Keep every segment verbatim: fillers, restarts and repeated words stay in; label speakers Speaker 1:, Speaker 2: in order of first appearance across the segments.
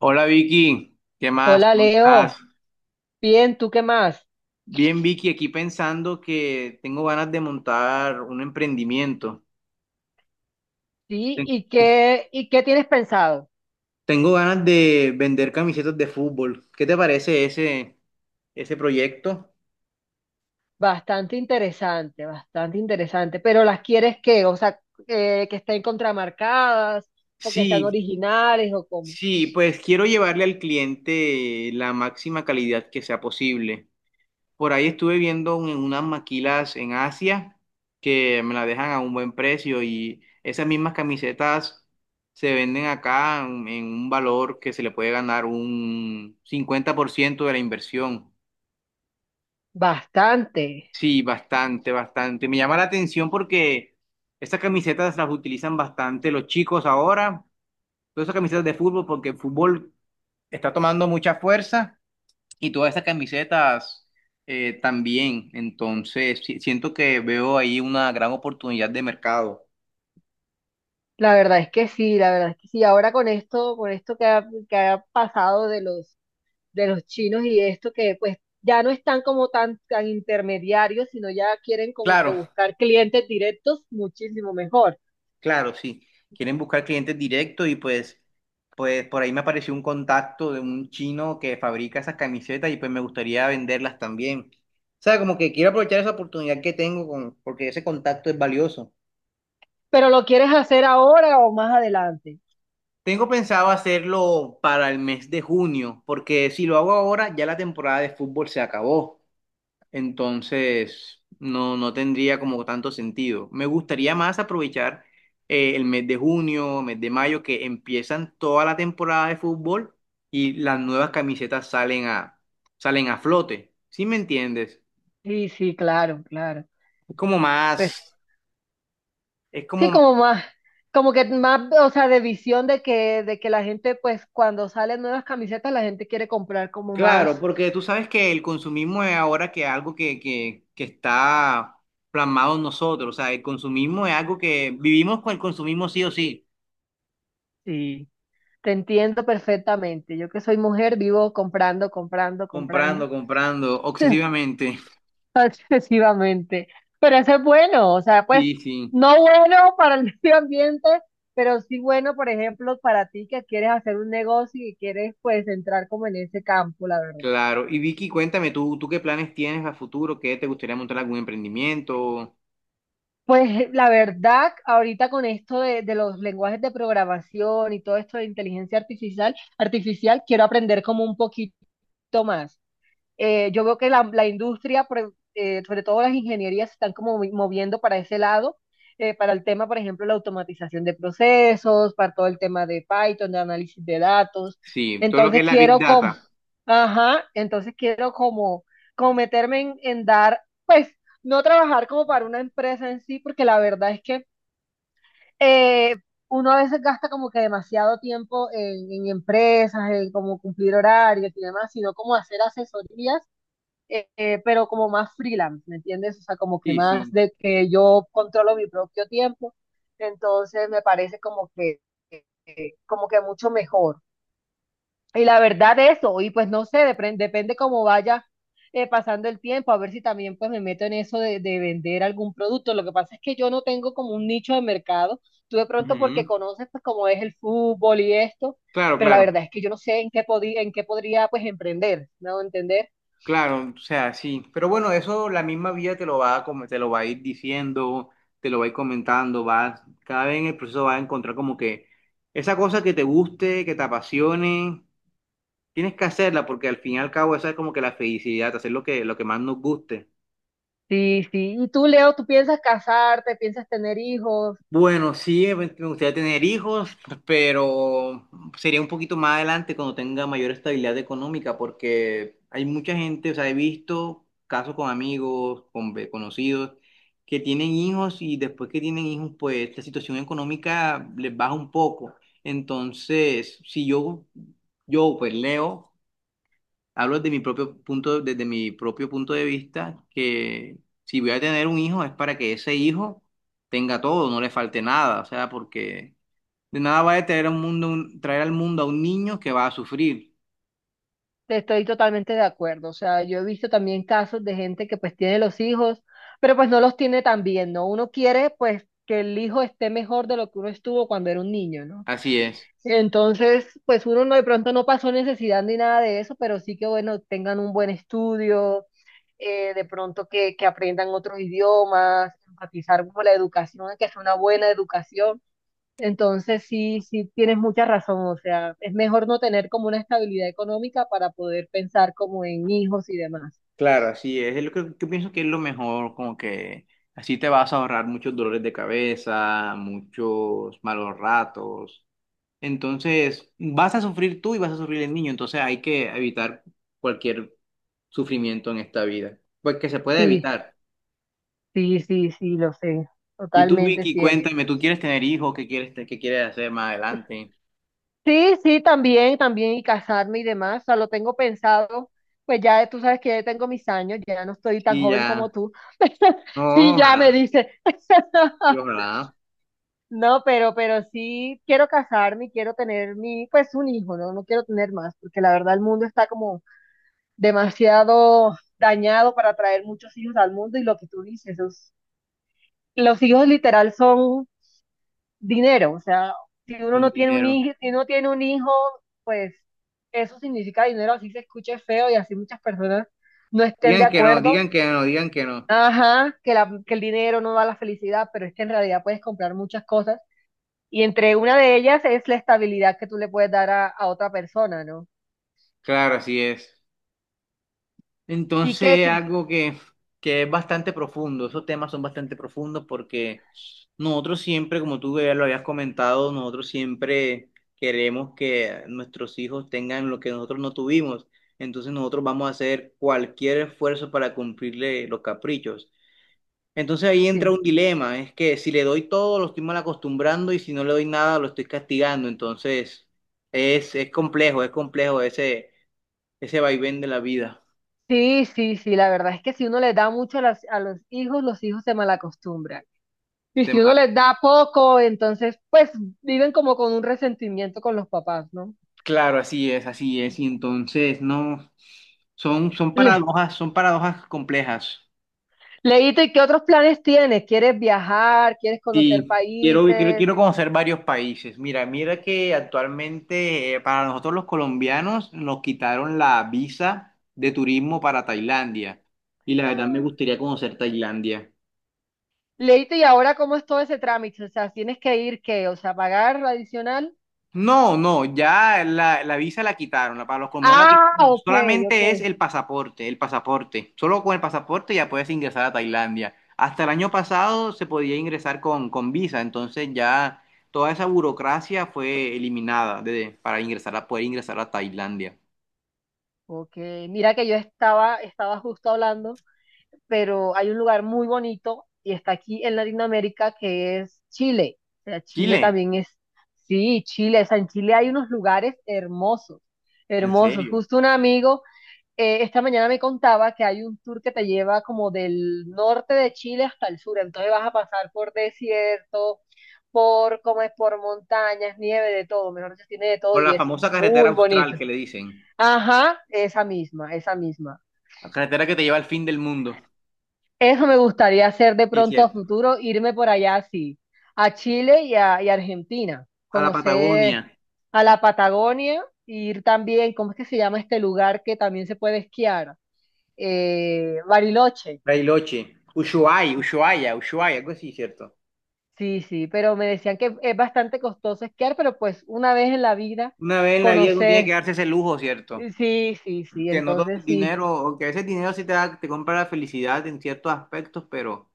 Speaker 1: Hola Vicky, ¿qué más?
Speaker 2: Hola
Speaker 1: ¿Cómo estás?
Speaker 2: Leo, bien, ¿tú qué más?
Speaker 1: Bien Vicky, aquí pensando que tengo ganas de montar un emprendimiento.
Speaker 2: Sí,
Speaker 1: Ten-
Speaker 2: ¿y qué, y qué tienes pensado?
Speaker 1: Tengo ganas de vender camisetas de fútbol. ¿Qué te parece ese, ese proyecto?
Speaker 2: Bastante interesante, bastante interesante, pero ¿las quieres qué? O sea, eh, que estén contramarcadas o que sean
Speaker 1: Sí,
Speaker 2: originales o como...
Speaker 1: sí, pues quiero llevarle al cliente la máxima calidad que sea posible. Por ahí estuve viendo un- unas maquilas en Asia que me las dejan a un buen precio y esas mismas camisetas se venden acá en, en un valor que se le puede ganar un cincuenta por ciento de la inversión.
Speaker 2: Bastante,
Speaker 1: Sí, bastante, bastante. Me llama la atención porque estas camisetas las utilizan bastante los chicos ahora, todas esas camisetas de fútbol porque el fútbol está tomando mucha fuerza. Y todas estas camisetas eh, también. Entonces, si- siento que veo ahí una gran oportunidad de mercado.
Speaker 2: la verdad es que sí, la verdad es que sí. Ahora con esto, con esto que ha, que ha pasado de los, de los chinos y esto que pues ya no están como tan, tan intermediarios, sino ya quieren como que
Speaker 1: Claro,
Speaker 2: buscar clientes directos muchísimo mejor.
Speaker 1: claro, sí. Quieren buscar clientes directos y pues, pues por ahí me apareció un contacto de un chino que fabrica esas camisetas y pues me gustaría venderlas también. O sea, como que quiero aprovechar esa oportunidad que tengo con, porque ese contacto es valioso.
Speaker 2: Pero lo quieres hacer ahora o más adelante.
Speaker 1: Tengo pensado hacerlo para el mes de junio, porque si lo hago ahora, ya la temporada de fútbol se acabó. Entonces, no, no tendría como tanto sentido. Me gustaría más aprovechar eh, el mes de junio, mes de mayo, que empiezan toda la temporada de fútbol y las nuevas camisetas salen a, salen a flote. ¿Sí me entiendes?
Speaker 2: Sí, sí, claro, claro.
Speaker 1: Es como
Speaker 2: Pues,
Speaker 1: más, es
Speaker 2: sí,
Speaker 1: como,
Speaker 2: como más, como que más, o sea, de visión de que, de que la gente, pues, cuando salen nuevas camisetas, la gente quiere comprar como
Speaker 1: Claro,
Speaker 2: más.
Speaker 1: porque tú sabes que el consumismo es ahora que algo que, que, que está plasmado en nosotros. O sea, el consumismo es algo que vivimos con el consumismo sí o sí,
Speaker 2: Sí, te entiendo perfectamente. Yo que soy mujer, vivo comprando, comprando, comprando.
Speaker 1: comprando, comprando, obsesivamente.
Speaker 2: Excesivamente. Pero eso es bueno, o sea,
Speaker 1: Sí,
Speaker 2: pues
Speaker 1: sí,
Speaker 2: no bueno para el medio ambiente, pero sí bueno, por ejemplo, para ti que quieres hacer un negocio y quieres pues entrar como en ese campo, la verdad.
Speaker 1: claro. Y Vicky, cuéntame, ¿tú, ¿tú qué planes tienes a futuro? ¿Qué te gustaría montar algún emprendimiento?
Speaker 2: Pues la verdad, ahorita con esto de, de los lenguajes de programación y todo esto de inteligencia artificial, artificial, quiero aprender como un poquito más. Eh, yo veo que la, la industria, pre- eh, sobre todo las ingenierías, se están como movi- moviendo para ese lado, eh, para el tema, por ejemplo, la automatización de procesos, para todo el tema de Python, de análisis de datos.
Speaker 1: Sí, todo lo que
Speaker 2: Entonces
Speaker 1: es la Big
Speaker 2: quiero como,
Speaker 1: Data.
Speaker 2: ajá, entonces quiero como, como meterme en, en dar, pues, no trabajar como para una empresa en sí, porque la verdad es que eh, uno a veces gasta como que demasiado tiempo en, en empresas, en como cumplir horarios y demás, sino como hacer asesorías eh, eh, pero como más freelance, ¿me entiendes? O sea, como que
Speaker 1: Sí,
Speaker 2: más
Speaker 1: sí.
Speaker 2: de que yo controlo mi propio tiempo, entonces me parece como que, eh, como que mucho mejor. Y la verdad eso, y pues no sé, depre- depende cómo vaya eh, pasando el tiempo, a ver si también pues me meto en eso de, de vender algún producto. Lo que pasa es que yo no tengo como un nicho de mercado, tú de pronto porque
Speaker 1: Ujú.
Speaker 2: conoces pues cómo es el fútbol y esto,
Speaker 1: Claro,
Speaker 2: pero la
Speaker 1: claro,
Speaker 2: verdad es que yo no sé en qué, podí- en qué podría pues emprender, ¿no? ¿Entender?
Speaker 1: claro, o sea, sí. Pero bueno, eso la misma vida te lo va a, com- te lo va a ir diciendo, te lo va a ir comentando, vas, cada vez en el proceso vas a encontrar como que esa cosa que te guste, que te apasione, tienes que hacerla porque al fin y al cabo esa es como que la felicidad, hacer lo que, lo que más nos guste.
Speaker 2: Sí, sí. Y tú, Leo, tú piensas casarte, piensas tener hijos.
Speaker 1: Bueno, sí, ev- me gustaría tener hijos, pero sería un poquito más adelante cuando tenga mayor estabilidad económica, porque hay mucha gente, o sea, he visto casos con amigos, con ve- conocidos, que tienen hijos y después que tienen hijos, pues la situación económica les baja un poco. Entonces, si yo, yo pues Leo, hablo desde mi propio punto, desde mi propio punto de vista, que si voy a tener un hijo es para que ese hijo tenga todo, no le falte nada, o sea, porque de nada va a traer al mundo, un- traer al mundo a un niño que va a sufrir.
Speaker 2: Te Estoy totalmente de acuerdo. O sea, yo he visto también casos de gente que pues tiene los hijos, pero pues no los tiene tan bien, ¿no? Uno quiere pues que el hijo esté mejor de lo que uno estuvo cuando era un niño, ¿no?
Speaker 1: Así es,
Speaker 2: Entonces, pues uno no, de pronto no pasó necesidad ni nada de eso, pero sí que bueno, tengan un buen estudio, eh, de pronto que, que aprendan otros idiomas, enfatizar como la educación, que sea una buena educación. Entonces, sí, sí, tienes mucha razón. O sea, es mejor no tener como una estabilidad económica para poder pensar como en hijos y demás.
Speaker 1: claro, así es. Es lo que, que pienso que es lo mejor, como que así te vas a ahorrar muchos dolores de cabeza, muchos malos ratos. Entonces, vas a sufrir tú y vas a sufrir el niño. Entonces, hay que evitar cualquier sufrimiento en esta vida. Pues que se puede
Speaker 2: Sí,
Speaker 1: evitar.
Speaker 2: sí, sí, sí, lo sé.
Speaker 1: Y tú,
Speaker 2: Totalmente
Speaker 1: Vicky,
Speaker 2: cierto.
Speaker 1: cuéntame, ¿tú quieres tener hijos? ¿Qué quieres, te- qué quieres hacer más adelante?
Speaker 2: Sí, sí, también, también, y casarme y demás. O sea, lo tengo pensado. Pues ya tú sabes que ya tengo mis años, ya no estoy tan
Speaker 1: Y
Speaker 2: joven como
Speaker 1: ya.
Speaker 2: tú.
Speaker 1: No,
Speaker 2: Sí, ya
Speaker 1: ojalá,
Speaker 2: me dice.
Speaker 1: y ojalá.
Speaker 2: No, pero, pero sí quiero casarme y quiero tener mi, pues un hijo, ¿no? No quiero tener más, porque la verdad el mundo está como demasiado dañado para traer muchos hijos al mundo y lo que tú dices, los, los hijos literal son dinero, o sea, si uno
Speaker 1: Un
Speaker 2: no tiene un
Speaker 1: dinero.
Speaker 2: hijo, si uno tiene un hijo, pues eso significa dinero, así se escuche feo y así muchas personas no estén de
Speaker 1: Digan que no,
Speaker 2: acuerdo.
Speaker 1: digan que no, digan que no.
Speaker 2: Ajá, que, la, que el dinero no da la felicidad, pero es que en realidad puedes comprar muchas cosas y entre una de ellas es la estabilidad que tú le puedes dar a, a otra persona, ¿no?
Speaker 1: Claro, así es.
Speaker 2: Y que,
Speaker 1: Entonces,
Speaker 2: que-
Speaker 1: algo que, que es bastante profundo, esos temas son bastante profundos porque nosotros siempre, como tú ya lo habías comentado, nosotros siempre queremos que nuestros hijos tengan lo que nosotros no tuvimos. Entonces nosotros vamos a hacer cualquier esfuerzo para cumplirle los caprichos. Entonces ahí entra
Speaker 2: sí.
Speaker 1: un dilema, es que si le doy todo lo estoy mal acostumbrando y si no le doy nada lo estoy castigando. Entonces es, es complejo, es complejo ese, ese vaivén de la vida.
Speaker 2: Sí, sí, sí, la verdad es que si uno le da mucho a, las- a los hijos, los hijos se malacostumbran. Y si uno les da poco, entonces pues viven como con un resentimiento con los papás, ¿no?
Speaker 1: Claro, así es, así es. Y entonces, no, son, son
Speaker 2: Le,
Speaker 1: paradojas, son paradojas complejas.
Speaker 2: Leíto, ¿y qué otros planes tienes? ¿Quieres viajar? ¿Quieres conocer
Speaker 1: Sí, quiero, quiero,
Speaker 2: países?
Speaker 1: quiero conocer varios países. Mira, mira que actualmente eh, para nosotros los colombianos nos quitaron la visa de turismo para Tailandia. Y la verdad me
Speaker 2: Ah.
Speaker 1: gustaría conocer Tailandia.
Speaker 2: Leíto, ¿y ahora cómo es todo ese trámite? O sea, ¿tienes que ir qué? O sea, ¿pagar lo adicional?
Speaker 1: No, no, ya la, la visa la quitaron, la- para los colombianos la
Speaker 2: Ah,
Speaker 1: quitaron.
Speaker 2: ok, ok.
Speaker 1: Solamente es el pasaporte, el pasaporte. Solo con el pasaporte ya puedes ingresar a Tailandia. Hasta el año pasado se podía ingresar con, con visa, entonces ya toda esa burocracia fue eliminada de- para ingresar a, poder ingresar a Tailandia.
Speaker 2: Ok, mira que yo estaba, estaba justo hablando, pero hay un lugar muy bonito y está aquí en Latinoamérica que es Chile. O sea, Chile
Speaker 1: Chile,
Speaker 2: también es, sí, Chile, o sea, en Chile hay unos lugares hermosos,
Speaker 1: ¿en
Speaker 2: hermosos.
Speaker 1: serio?
Speaker 2: Justo un amigo eh, esta mañana me contaba que hay un tour que te lleva como del norte de Chile hasta el sur, entonces vas a pasar por desierto, por, como es, por montañas, nieve, de todo, mejor dicho, tiene de todo
Speaker 1: Por la
Speaker 2: y es
Speaker 1: famosa carretera
Speaker 2: muy
Speaker 1: austral
Speaker 2: bonito.
Speaker 1: que le dicen.
Speaker 2: Ajá, esa misma, esa misma.
Speaker 1: La carretera que te lleva al fin del mundo.
Speaker 2: Eso me gustaría hacer de
Speaker 1: Sí,
Speaker 2: pronto a
Speaker 1: cierto.
Speaker 2: futuro, irme por allá así, a Chile y a, y a Argentina,
Speaker 1: A la Patagonia,
Speaker 2: conocer a la Patagonia y ir también, ¿cómo es que se llama este lugar que también se puede esquiar? Eh, Bariloche.
Speaker 1: Bariloche, Ushuaia,
Speaker 2: Sí,
Speaker 1: Ushuaia, Ushuaia, algo así, cierto.
Speaker 2: sí, sí, pero me decían que es bastante costoso esquiar, pero pues una vez en la vida
Speaker 1: Una vez en la vida uno tiene que
Speaker 2: conocer,
Speaker 1: darse ese lujo, ¿cierto?
Speaker 2: sí, sí, sí,
Speaker 1: Que no todo
Speaker 2: entonces
Speaker 1: el
Speaker 2: sí,
Speaker 1: dinero, o que ese dinero sí te da, te compra la felicidad en ciertos aspectos, pero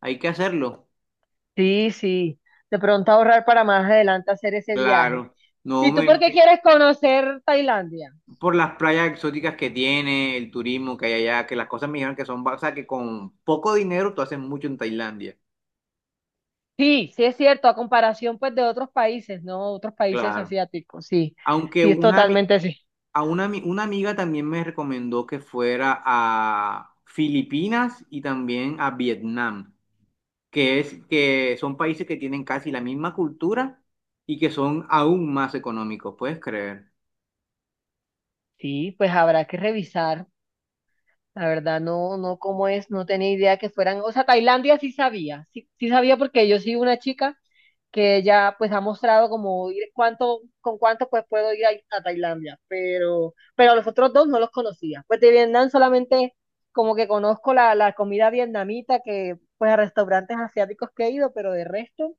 Speaker 1: hay que hacerlo.
Speaker 2: sí, sí, de pronto ahorrar para más adelante hacer ese viaje.
Speaker 1: Claro. No,
Speaker 2: ¿Y tú
Speaker 1: me,
Speaker 2: por
Speaker 1: me-
Speaker 2: qué quieres conocer Tailandia?
Speaker 1: Por las playas exóticas que tiene, el turismo que hay allá, que las cosas me dijeron que son, ba- o sea, que con poco dinero tú haces mucho en Tailandia.
Speaker 2: Sí, sí es cierto, a comparación pues de otros países, ¿no? Otros países
Speaker 1: Claro.
Speaker 2: asiáticos, sí,
Speaker 1: Aunque
Speaker 2: sí es
Speaker 1: una, ami-
Speaker 2: totalmente así.
Speaker 1: a una, ami- una amiga también me recomendó que fuera a Filipinas y también a Vietnam. Que es que son países que tienen casi la misma cultura y que son aún más económicos, ¿puedes creer?
Speaker 2: Sí, pues habrá que revisar, la verdad no, no cómo es, no tenía idea que fueran, o sea, Tailandia sí sabía, sí, sí sabía porque yo sí una chica que ella pues ha mostrado como ir, cuánto, con cuánto pues puedo ir a, a Tailandia, pero, pero los otros dos no los conocía. Pues de Vietnam solamente como que conozco la, la comida vietnamita que pues a restaurantes asiáticos que he ido, pero de resto,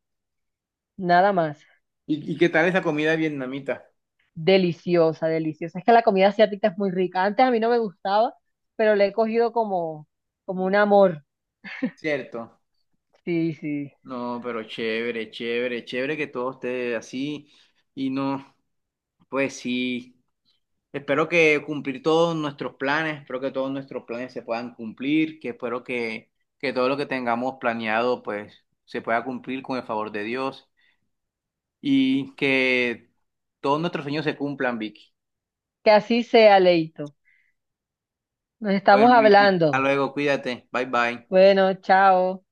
Speaker 2: nada más.
Speaker 1: ¿Y, y qué tal esa comida vietnamita?
Speaker 2: Deliciosa, deliciosa. Es que la comida asiática es muy rica. Antes a mí no me gustaba, pero le he cogido como, como un amor.
Speaker 1: Cierto.
Speaker 2: Sí, sí.
Speaker 1: No, pero chévere, chévere, chévere que todo esté así y no, pues sí. Espero que cumplir todos nuestros planes, espero que todos nuestros planes se puedan cumplir, que espero que, que todo lo que tengamos planeado pues se pueda cumplir con el favor de Dios y que todos nuestros sueños se cumplan, Vicky.
Speaker 2: Que así sea, Leito. Nos estamos
Speaker 1: Bueno, Vicky, hasta
Speaker 2: hablando.
Speaker 1: luego, cuídate. Bye bye.
Speaker 2: Bueno, chao.